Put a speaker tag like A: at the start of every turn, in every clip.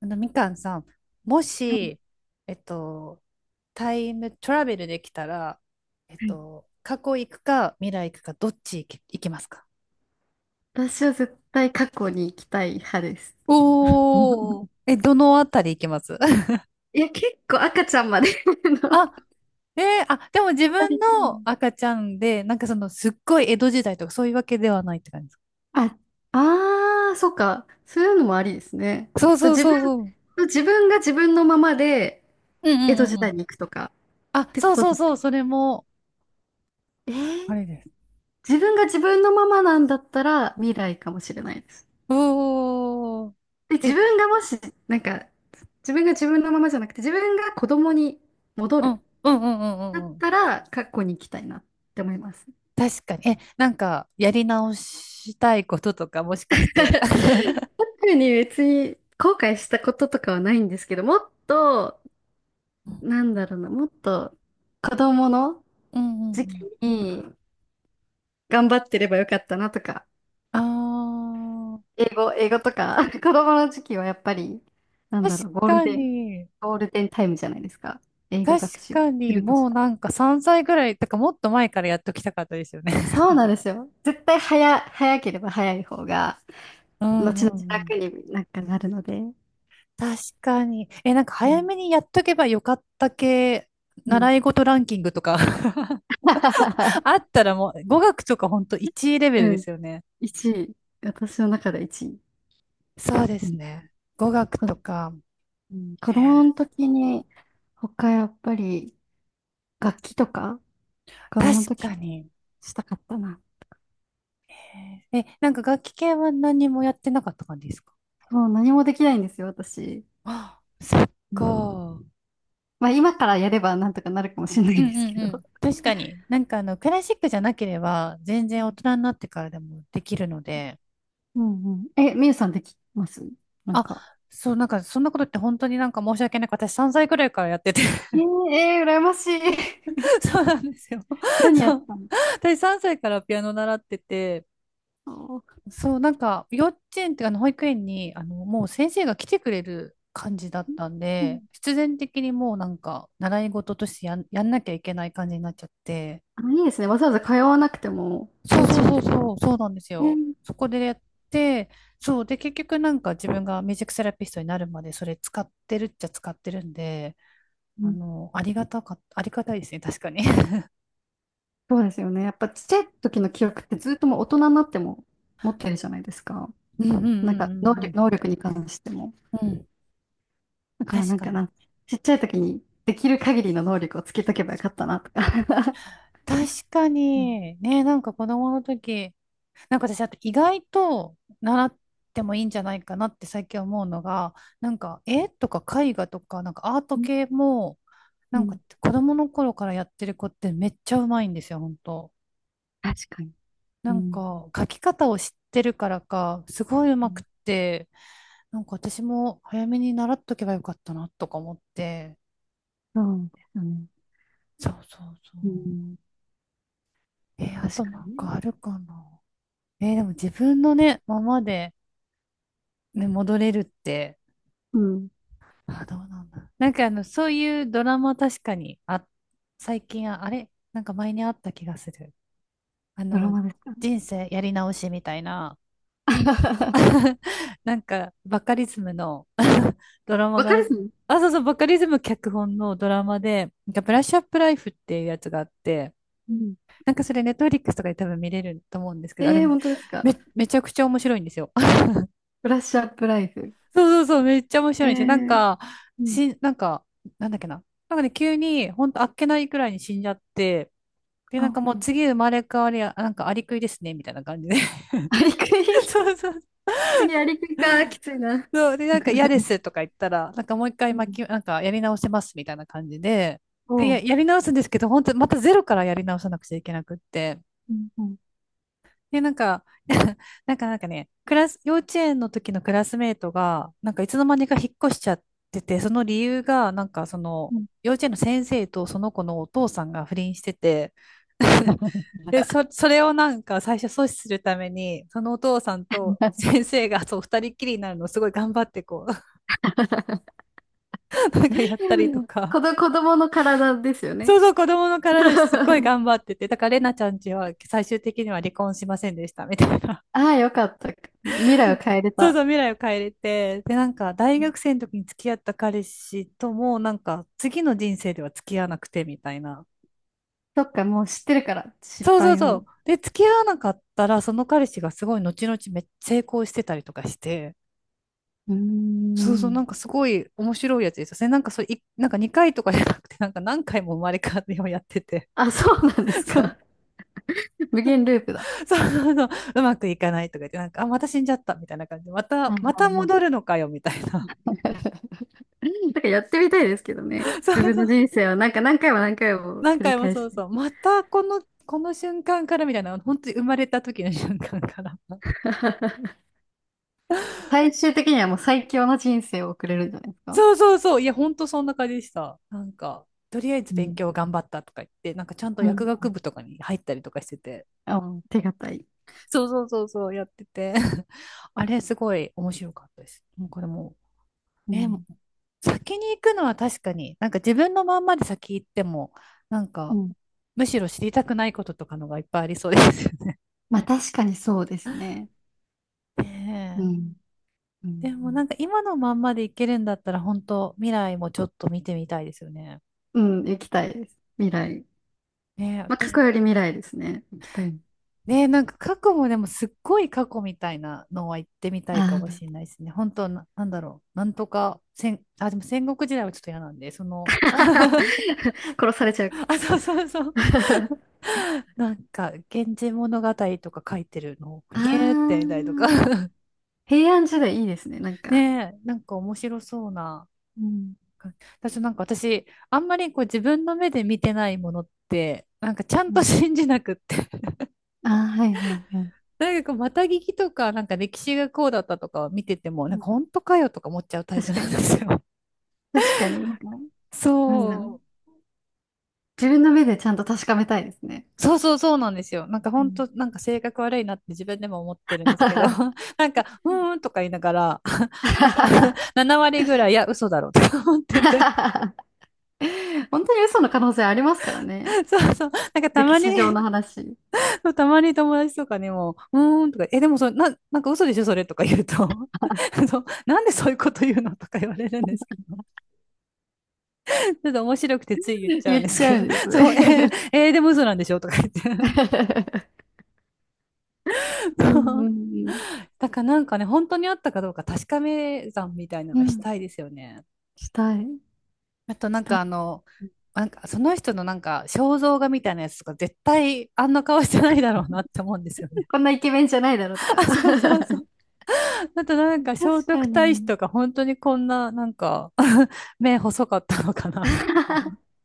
A: あの、みかんさん、も
B: はい
A: し、えっと、タイムトラベルできたら、
B: はい、
A: 過去行くか未来行くか、どっち行き、行きますか？
B: 私は絶対過去に行きたい派です。
A: お ー、え、どのあたり行きます？
B: いや、結構赤ちゃんまで の
A: あ、でも自分の赤ちゃんで、なんかその、すっごい江戸時代とかそういうわけではないって感じですか？
B: あ、ああ、そっか。そういうのもありですね。
A: そう
B: そう、
A: そう
B: 自分、
A: そうそう。
B: そう、自分が自分のままで
A: うんう
B: 江戸
A: んうん
B: 時
A: う
B: 代
A: ん。
B: に行くとかっ
A: あ、
B: てこ
A: そう
B: と
A: そう
B: です
A: そ
B: か。
A: う、それも、
B: えー、
A: あれです。
B: 自分が自分のままなんだったら未来かもしれないです。
A: お
B: で、
A: ー、
B: 自
A: え、
B: 分がもし、なんか、自分が自分のままじゃなくて、自分が子供に戻
A: う
B: る
A: ん、うんうんうんう
B: だっ
A: んうん。
B: たら過去に行きたいなって思います。
A: 確かに。え、なんか、やり直したいこととか、もしかして。
B: 特に別に後悔したこととかはないんですけど、もっと、なんだろうな、もっと子供の
A: うんうん
B: 時
A: う
B: 期
A: ん
B: に頑張ってればよかったなとか、
A: あ
B: 英語とか、子供の時期はやっぱり、
A: ー、
B: なん
A: 確
B: だろう、ゴール
A: か
B: デン、
A: に。
B: ゴールデンタイムじゃないですか。英語
A: 確
B: 学習
A: か
B: す
A: に、
B: るとし
A: もう
B: たら。
A: なんか3歳ぐらい、とかもっと前からやっときたかったですよね。
B: そうなんですよ。絶対早、早ければ早い方が、
A: うん
B: 後
A: う
B: 々
A: んう
B: 楽
A: ん
B: になんかなるので。
A: 確かに。え、なんか
B: う
A: 早
B: ん。
A: めにやっとけばよかった系、
B: うん。
A: 習い事ランキングとか あ ったらもう、語学とかほんと1レベル
B: う
A: で
B: ん。
A: すよね。
B: 1位。私の中で1位。
A: そうで
B: う
A: す
B: ん
A: ね。語学とか、
B: うん、
A: え
B: 子供の時に、他やっぱり楽器とか、子供の
A: ー
B: 時
A: 確かに。
B: したかったな。
A: え、なんか楽器系は何もやってなかった感じですか？
B: もう何もできないんですよ、私。
A: あ、そっ
B: うん、
A: か。
B: まあ今からやればなんとかなるかもしれな
A: う
B: い
A: ん
B: です
A: うん
B: け
A: う
B: ど。
A: ん。確かに。なんかあの、クラシックじゃなければ、全
B: う
A: 然大
B: ん
A: 人になってからでもできるので。
B: うんうん。え、みゆさんできますなん
A: あ、
B: か。
A: そう、なんかそんなことって本当になんか申し訳ない。私3歳くらいからやってて
B: えー、えー、羨ましい。
A: そうなんですよ。
B: 何や
A: そ
B: っ
A: う。
B: たの、
A: 私3歳からピアノ習ってて、
B: そ
A: そう、なんか、幼稚園っていうかあの保育園に、あの、もう先生が来てくれる感じだっ
B: う、
A: たん
B: うん、
A: で、必然的にもうなんか、習い事としてやんなきゃいけない感じになっちゃって、
B: あ、いいですね。わざわざ通わなくても、
A: そ
B: 幼
A: うそう
B: 稚園
A: そう
B: で。
A: そう、そうなんです
B: ね、
A: よ。そこでやって、そう、で、結局なんか自分がミュージックセラピストになるまでそれ使ってるっちゃ使ってるんで、
B: う
A: あ
B: ん、
A: の、ありがたか、ありがたいですね、確かに。
B: そうですよね。やっぱちっちゃい時の記憶ってずっともう大人になっても持ってるじゃないですか。
A: うんうんうんうん
B: 能力に関しても。
A: うん。うん、
B: だからな
A: 確
B: ん
A: か
B: か
A: に。
B: な、ちっちゃい時にできる限りの能力をつけとけばよかったなとか。
A: 確か
B: うん、
A: に。ね、なんか子供の時、なんか私、あと意外と習ってもいいんじゃないかなって最近思うのが、なんか絵とか絵画とか、なんかアート系も、な
B: う
A: んか
B: ん、
A: 子供の頃からやってる子ってめっちゃうまいんですよ、本当。
B: 確かに。
A: な
B: う
A: ん
B: ん、
A: か描き方を知ってるからか、すごいう
B: う
A: まく
B: ん、
A: って、なんか私も早めに習っとけばよかったなとか思って。
B: そうですよね。
A: そうそうそ
B: う
A: う。
B: ん、
A: あ
B: 確
A: と
B: か
A: なん
B: にね。
A: かあるかな。でも自分のね、ままでね、戻れるって、
B: うん。
A: あ、どうなんだ。なんかあの、そういうドラマ確かに、あ、最近あ、あれなんか前にあった気がする。あ
B: ドラ
A: の、
B: マですかね。
A: 人生やり直しみたいな、なんかバカリズムの ドラマ
B: わか
A: が
B: る
A: あ、
B: っすね。
A: あ、そうそう、バカリズム脚本のドラマで、なんかブラッシュアップライフっていうやつがあって、
B: うん。
A: なんかそれネットフリックスとかで多分見れると思うんですけど、あれ
B: えー、本当ですか。
A: め、めちゃくちゃ面白いんですよ。
B: ブラッシュアップライフ。
A: そうそうそう、めっちゃ面白
B: え
A: いんですよ。なん
B: ー、
A: か、
B: うん。
A: しなんか、なんだっけな。なんかね、急に、ほんとあっけないくらいに死んじゃって、で、なん
B: あ、
A: かもう
B: うん。
A: 次生まれ変わりや、なんかアリクイですね、みたいな感じで。
B: アリクイ、
A: そうそう
B: 次アリクイか、きついな。
A: そう。で、なんか嫌ですと か言ったら、なんかもう一回
B: うん。
A: 巻き、なんかやり直せます、みたいな感じで、で、
B: おう。
A: やり直すんですけど、本当またゼロからやり直さなくちゃいけなくって。
B: うん、うん、
A: で、なんか、なんかなんかね、クラス、幼稚園の時のクラスメートが、なんかいつの間にか引っ越しちゃってて、その理由が、なんかその、
B: うん。
A: 幼稚園の先生とその子のお父さんが不倫してて、で、それをなんか最初阻止するために、そのお父さんと先生がそう二人っきりになるのをすごい頑張ってこう、なんかやったりと か。
B: 子供の体ですよ
A: そ
B: ね。
A: うそう、子供の体ですっごい 頑張ってて、だからレナちゃんちは最終的には離婚しませんでした、みたいな。
B: ああ、よかった。未来を変えれ
A: そうそ
B: た。
A: う、未来を変えれて、で、なんか、大学生の時に付き合った彼氏とも、なんか、次の人生では付き合わなくて、みたいな。
B: そっか、もう知ってるから、失
A: そうそう
B: 敗
A: そう。
B: を。
A: で、付き合わなかったら、その彼氏がすごい後々めっちゃ成功してたりとかして、
B: うー
A: そうそう、な
B: ん。
A: んかすごい面白いやつですよね。なんかそれ、いなんか2回とかじゃなくて、なんか何回も生まれ変わってをやってて、
B: あ、そうなんで す
A: そう、
B: か。無限ループだ。
A: そうそうそう、うまくいかないとか言って、なんか、あ、また死んじゃった、みたいな感じで、ま
B: は
A: た、
B: いは
A: ま
B: い
A: た
B: はい、
A: 戻るのかよ、みたいな。
B: なんかやってみたいですけどね。
A: そ
B: 自
A: う
B: 分
A: そ
B: の
A: う。
B: 人生をなんか何回も何回も
A: 何
B: 繰り
A: 回も
B: 返
A: そ
B: し
A: う
B: て。
A: そう。またこの、この瞬間からみたいな、本当に生まれた時の瞬間から。
B: 最終的にはもう最強の人生を送れるんじゃないですか。
A: そうそうそう。いや、本当そんな感じでした。なんか、とりあえず
B: う
A: 勉
B: ん。
A: 強頑張ったとか言って、なんかちゃんと
B: う
A: 薬
B: ん。
A: 学部とかに入ったりとかしてて、
B: あ、うん、手堅い。
A: そうそうそうそう、やってて。あれ、すごい面白かったです。もうこれも
B: う
A: う、え、
B: ん。
A: 先に行くのは確かに、なんか自分のまんまで先行っても、なん
B: う
A: か、
B: ん、
A: むしろ知りたくないこととかのがいっぱいありそうですよね。
B: まあ確かにそうですね。う
A: ねえ
B: ん。う
A: でもな
B: ん。
A: んか今のまんまでいけるんだったら本当未来もちょっと見てみたいですよね。
B: うん、行きたいです。未来。
A: ねえ、
B: まあ、過
A: 私、
B: 去より未来ですね。行きたい。
A: ねえ、なんか過去もでもすっごい過去みたいなのは行ってみたいか
B: あ
A: も
B: ー、
A: しれないですね。本当な、なんだろう。なんとか戦、あ、でも戦国時代はちょっと嫌なんで、その、あ、
B: 殺されちゃう。
A: そうそうそう。なんか、源氏物語とか書いてるのを、
B: あ
A: ひえーってみたいとか
B: ー、平安時代いいですね。なん
A: ね
B: か、
A: え、なんか面白そうな
B: うん
A: 私なんか私、あんまりこう自分の目で見てないものって、なんかちゃん
B: う
A: と
B: ん、
A: 信じなくって。
B: ああ、はいはいはい。
A: なんかこう、また聞きとか、なんか歴史がこうだったとかを見てても、な
B: う
A: んか
B: ん、
A: 本当かよとか思っちゃうタイプ
B: 確か
A: なんで
B: に。
A: すよ。
B: 確かに、なんか、なんだろう。
A: そう。
B: 自分の目でちゃんと確かめたいですね。
A: そうそうそうなんですよ。なんか
B: う
A: 本
B: ん。
A: 当、なんか性格悪いなって自分でも思ってるんです けど、なんか、うーんとか言いながら、なんか 7割ぐらい、いや、嘘だろうとか思ってて、
B: 本当に嘘の可能性ありますからね。
A: そうそう、なんかた
B: 歴
A: まに
B: 史上の 話。
A: そう、たまに友達とかにも、うーんとか、え、でもそれ、なんか嘘でしょ、それとか言うと、そう、なんでそういうこと言うのとか言われるんですけど、ちょっと面白くてつい言っちゃうん
B: 言っ
A: です
B: ち
A: け
B: ゃう
A: ど、
B: んです
A: そう、
B: ね。
A: でも嘘なんでしょとか言って。
B: う ん
A: そ
B: うん
A: う
B: うん
A: だからなんかね、本当にあったかどうか確かめ算みたいなの
B: う
A: がし
B: ん。
A: たいですよね。
B: したい。
A: あとな
B: し
A: ん
B: た
A: か
B: い。
A: あの、なんかその人のなんか肖像画みたいなやつとか絶対あんな顔してないだろうなって思うんですよね。
B: こんなイケメンじゃないだろうと か。
A: あ、そうそうそう。あとなん か聖
B: 確
A: 徳
B: か
A: 太子
B: に。
A: とか本当にこんななんか 目細かったのかなみたいな。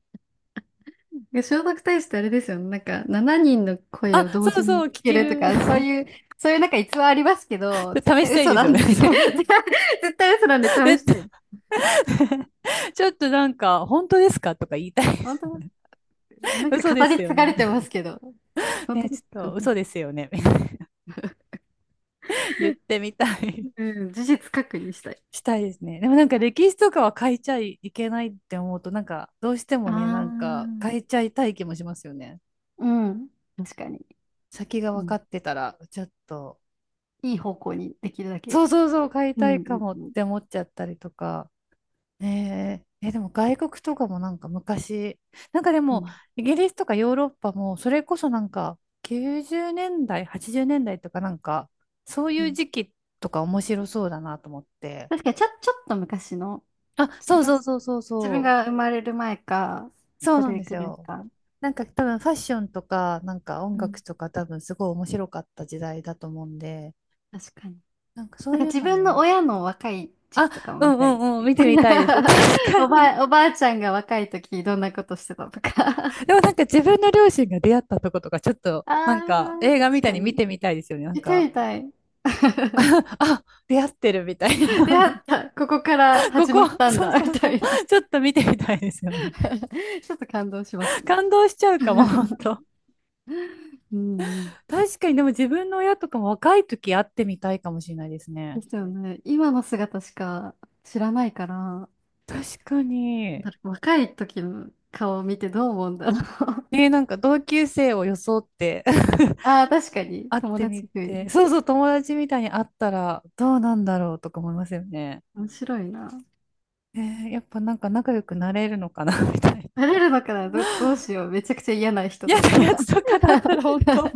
B: 聖徳太子ってあれですよね。なんか、7人の声
A: あ、
B: を同
A: そう
B: 時
A: そ
B: に聞
A: う、聞
B: け
A: け
B: ると
A: る。
B: か、そう いう、そういうなんか逸話ありますけど、絶
A: 試し
B: 対
A: たい
B: 嘘
A: です
B: な
A: よ
B: ん
A: ね。
B: で
A: そ
B: 対
A: んな。
B: 絶対嘘なんで試
A: 絶
B: した
A: 対
B: い。
A: ちょっとなんか、本当ですかとか言いたいで
B: 本
A: す。
B: 当、な ん
A: 嘘
B: か
A: で
B: 語り
A: すよ
B: 継がれ
A: ね。
B: てますけど。本当
A: ね、
B: で
A: ち
B: す
A: ょ
B: か。
A: っと嘘ですよね。言ってみたい。
B: うん、事実確認したい。
A: したいですね。でもなんか歴史とかは変えちゃいけないって思うと、なんかどうして
B: あ
A: もね、なんか変え
B: あ、
A: ちゃいたい気もしますよね。
B: うん。確かに。
A: 先が
B: う
A: 分か
B: ん。
A: ってたら、ちょっと。
B: いい方向にできるだ
A: そ
B: け。
A: うそうそう、買い
B: う
A: たい
B: ん、う
A: か
B: ん、
A: もっ
B: うん、
A: て思っちゃったりとか。ねえ、え、でも外国とかもなんか昔、なんかで
B: う
A: も
B: ん。
A: イギリスとかヨーロッパもそれこそなんか90年代、80年代とかなんかそうい
B: う
A: う
B: ん、
A: 時期とか面白そうだなと思って。
B: 確かに、ちょっと昔の、
A: あ、
B: ちょ
A: そ
B: っ
A: う
B: と
A: そう
B: 私、
A: そうそう
B: 自分
A: そ
B: が生まれる前か、
A: う。そう
B: そ
A: なん
B: れ
A: です
B: くらい
A: よ。
B: か。
A: なんか多分ファッションとかなんか音
B: う
A: 楽
B: ん。
A: とか多分すごい面白かった時代だと思うんで、
B: 確かに。
A: なんかそ
B: なん
A: う
B: か
A: いう
B: 自
A: の
B: 分
A: も。
B: の親の若い時
A: あ、
B: 期とかも
A: う
B: 見
A: んう
B: たいです
A: んうん、
B: ね。
A: 見てみたいです。確 かに。
B: おばあちゃんが若い時どんなことしてたとか。
A: でもなんか自分の両親が出会ったとことか、ちょっ とな
B: あ
A: んか映画
B: ー、
A: み
B: 確
A: たい
B: か
A: に見
B: に。
A: てみたいですよね。なん
B: 見たい
A: か、
B: 見たい。
A: あ、出会ってるみたい
B: 出
A: な。
B: 会った、ここから
A: こ
B: 始ま
A: こ、
B: ったん
A: そう
B: だ、み
A: そう
B: た
A: そう。
B: いな。
A: ちょっと見てみたいですよね。
B: ちょっと感動しますね。
A: 感動しちゃうかも、本 当。
B: うんうん。
A: 確かに、でも自分の親とかも若い時会ってみたいかもしれないですね。
B: ですよね。今の姿しか知らないから。
A: 確かに。
B: だ若い時の顔を見てどう思うんだろう。
A: ね、なんか同級生を装って
B: ああ、確か に。
A: 会っ
B: 友
A: てみ
B: 達風
A: て、
B: に。
A: そうそう、友達みたいに会ったらどうなんだろうとか思いますよね。
B: 面白いな。
A: ね、やっぱなんか仲良くなれるのかな みたいな。
B: なれるのかな、ど、どうしよう。めちゃくちゃ嫌な人だ
A: 嫌
B: った
A: な
B: ら
A: やつ とかだったら本当、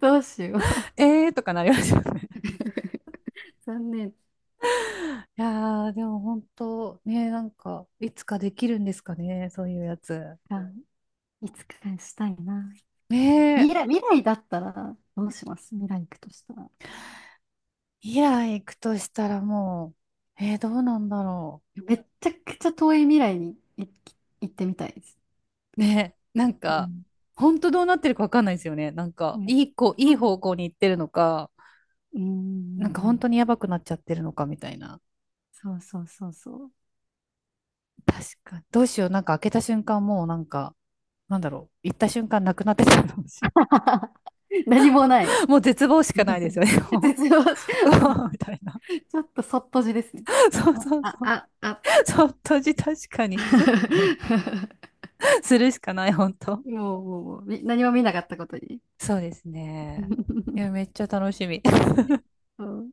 B: どうしよう。
A: ええーとかなりますよね。
B: 残念
A: いやー、でも本当、ね、なんか、いつかできるんですかね、そういうやつ。
B: か。いつかしたいな。
A: ねえ、
B: 未来だったらどうします、未来行くとしたら。
A: イラ行くとしたらもう、どうなんだろ
B: めっちゃくちゃ遠い未来に行ってみたいです。
A: う。ねえ、なん
B: う
A: か、
B: ん。
A: 本当どうなってるかわかんないですよね。なん
B: う
A: か、
B: ん、
A: いい子、い
B: そ
A: い
B: う、
A: 方向に行ってるのか、
B: うんうんう
A: なんか本当
B: ん、
A: にやばくなっちゃってるのかみたいな。
B: そうそうそうそう。
A: 確かに。どうしよう、なんか開けた瞬間もうなんか、なんだろう、行った瞬間なくなってたかもしれな
B: 何も
A: い。
B: ない。
A: もう絶望し かないですよね。も
B: 絶望し、
A: うう
B: もう
A: わみたいな。
B: ちょっとそっとじですね。
A: そう
B: あ、
A: そう
B: あ、
A: そう。
B: あ、あって。
A: ちょっとじ確かに、す するしかない、本当。
B: もうみ何も見なかったことに。
A: そうですね。い や、めっちゃ楽しみ。
B: そう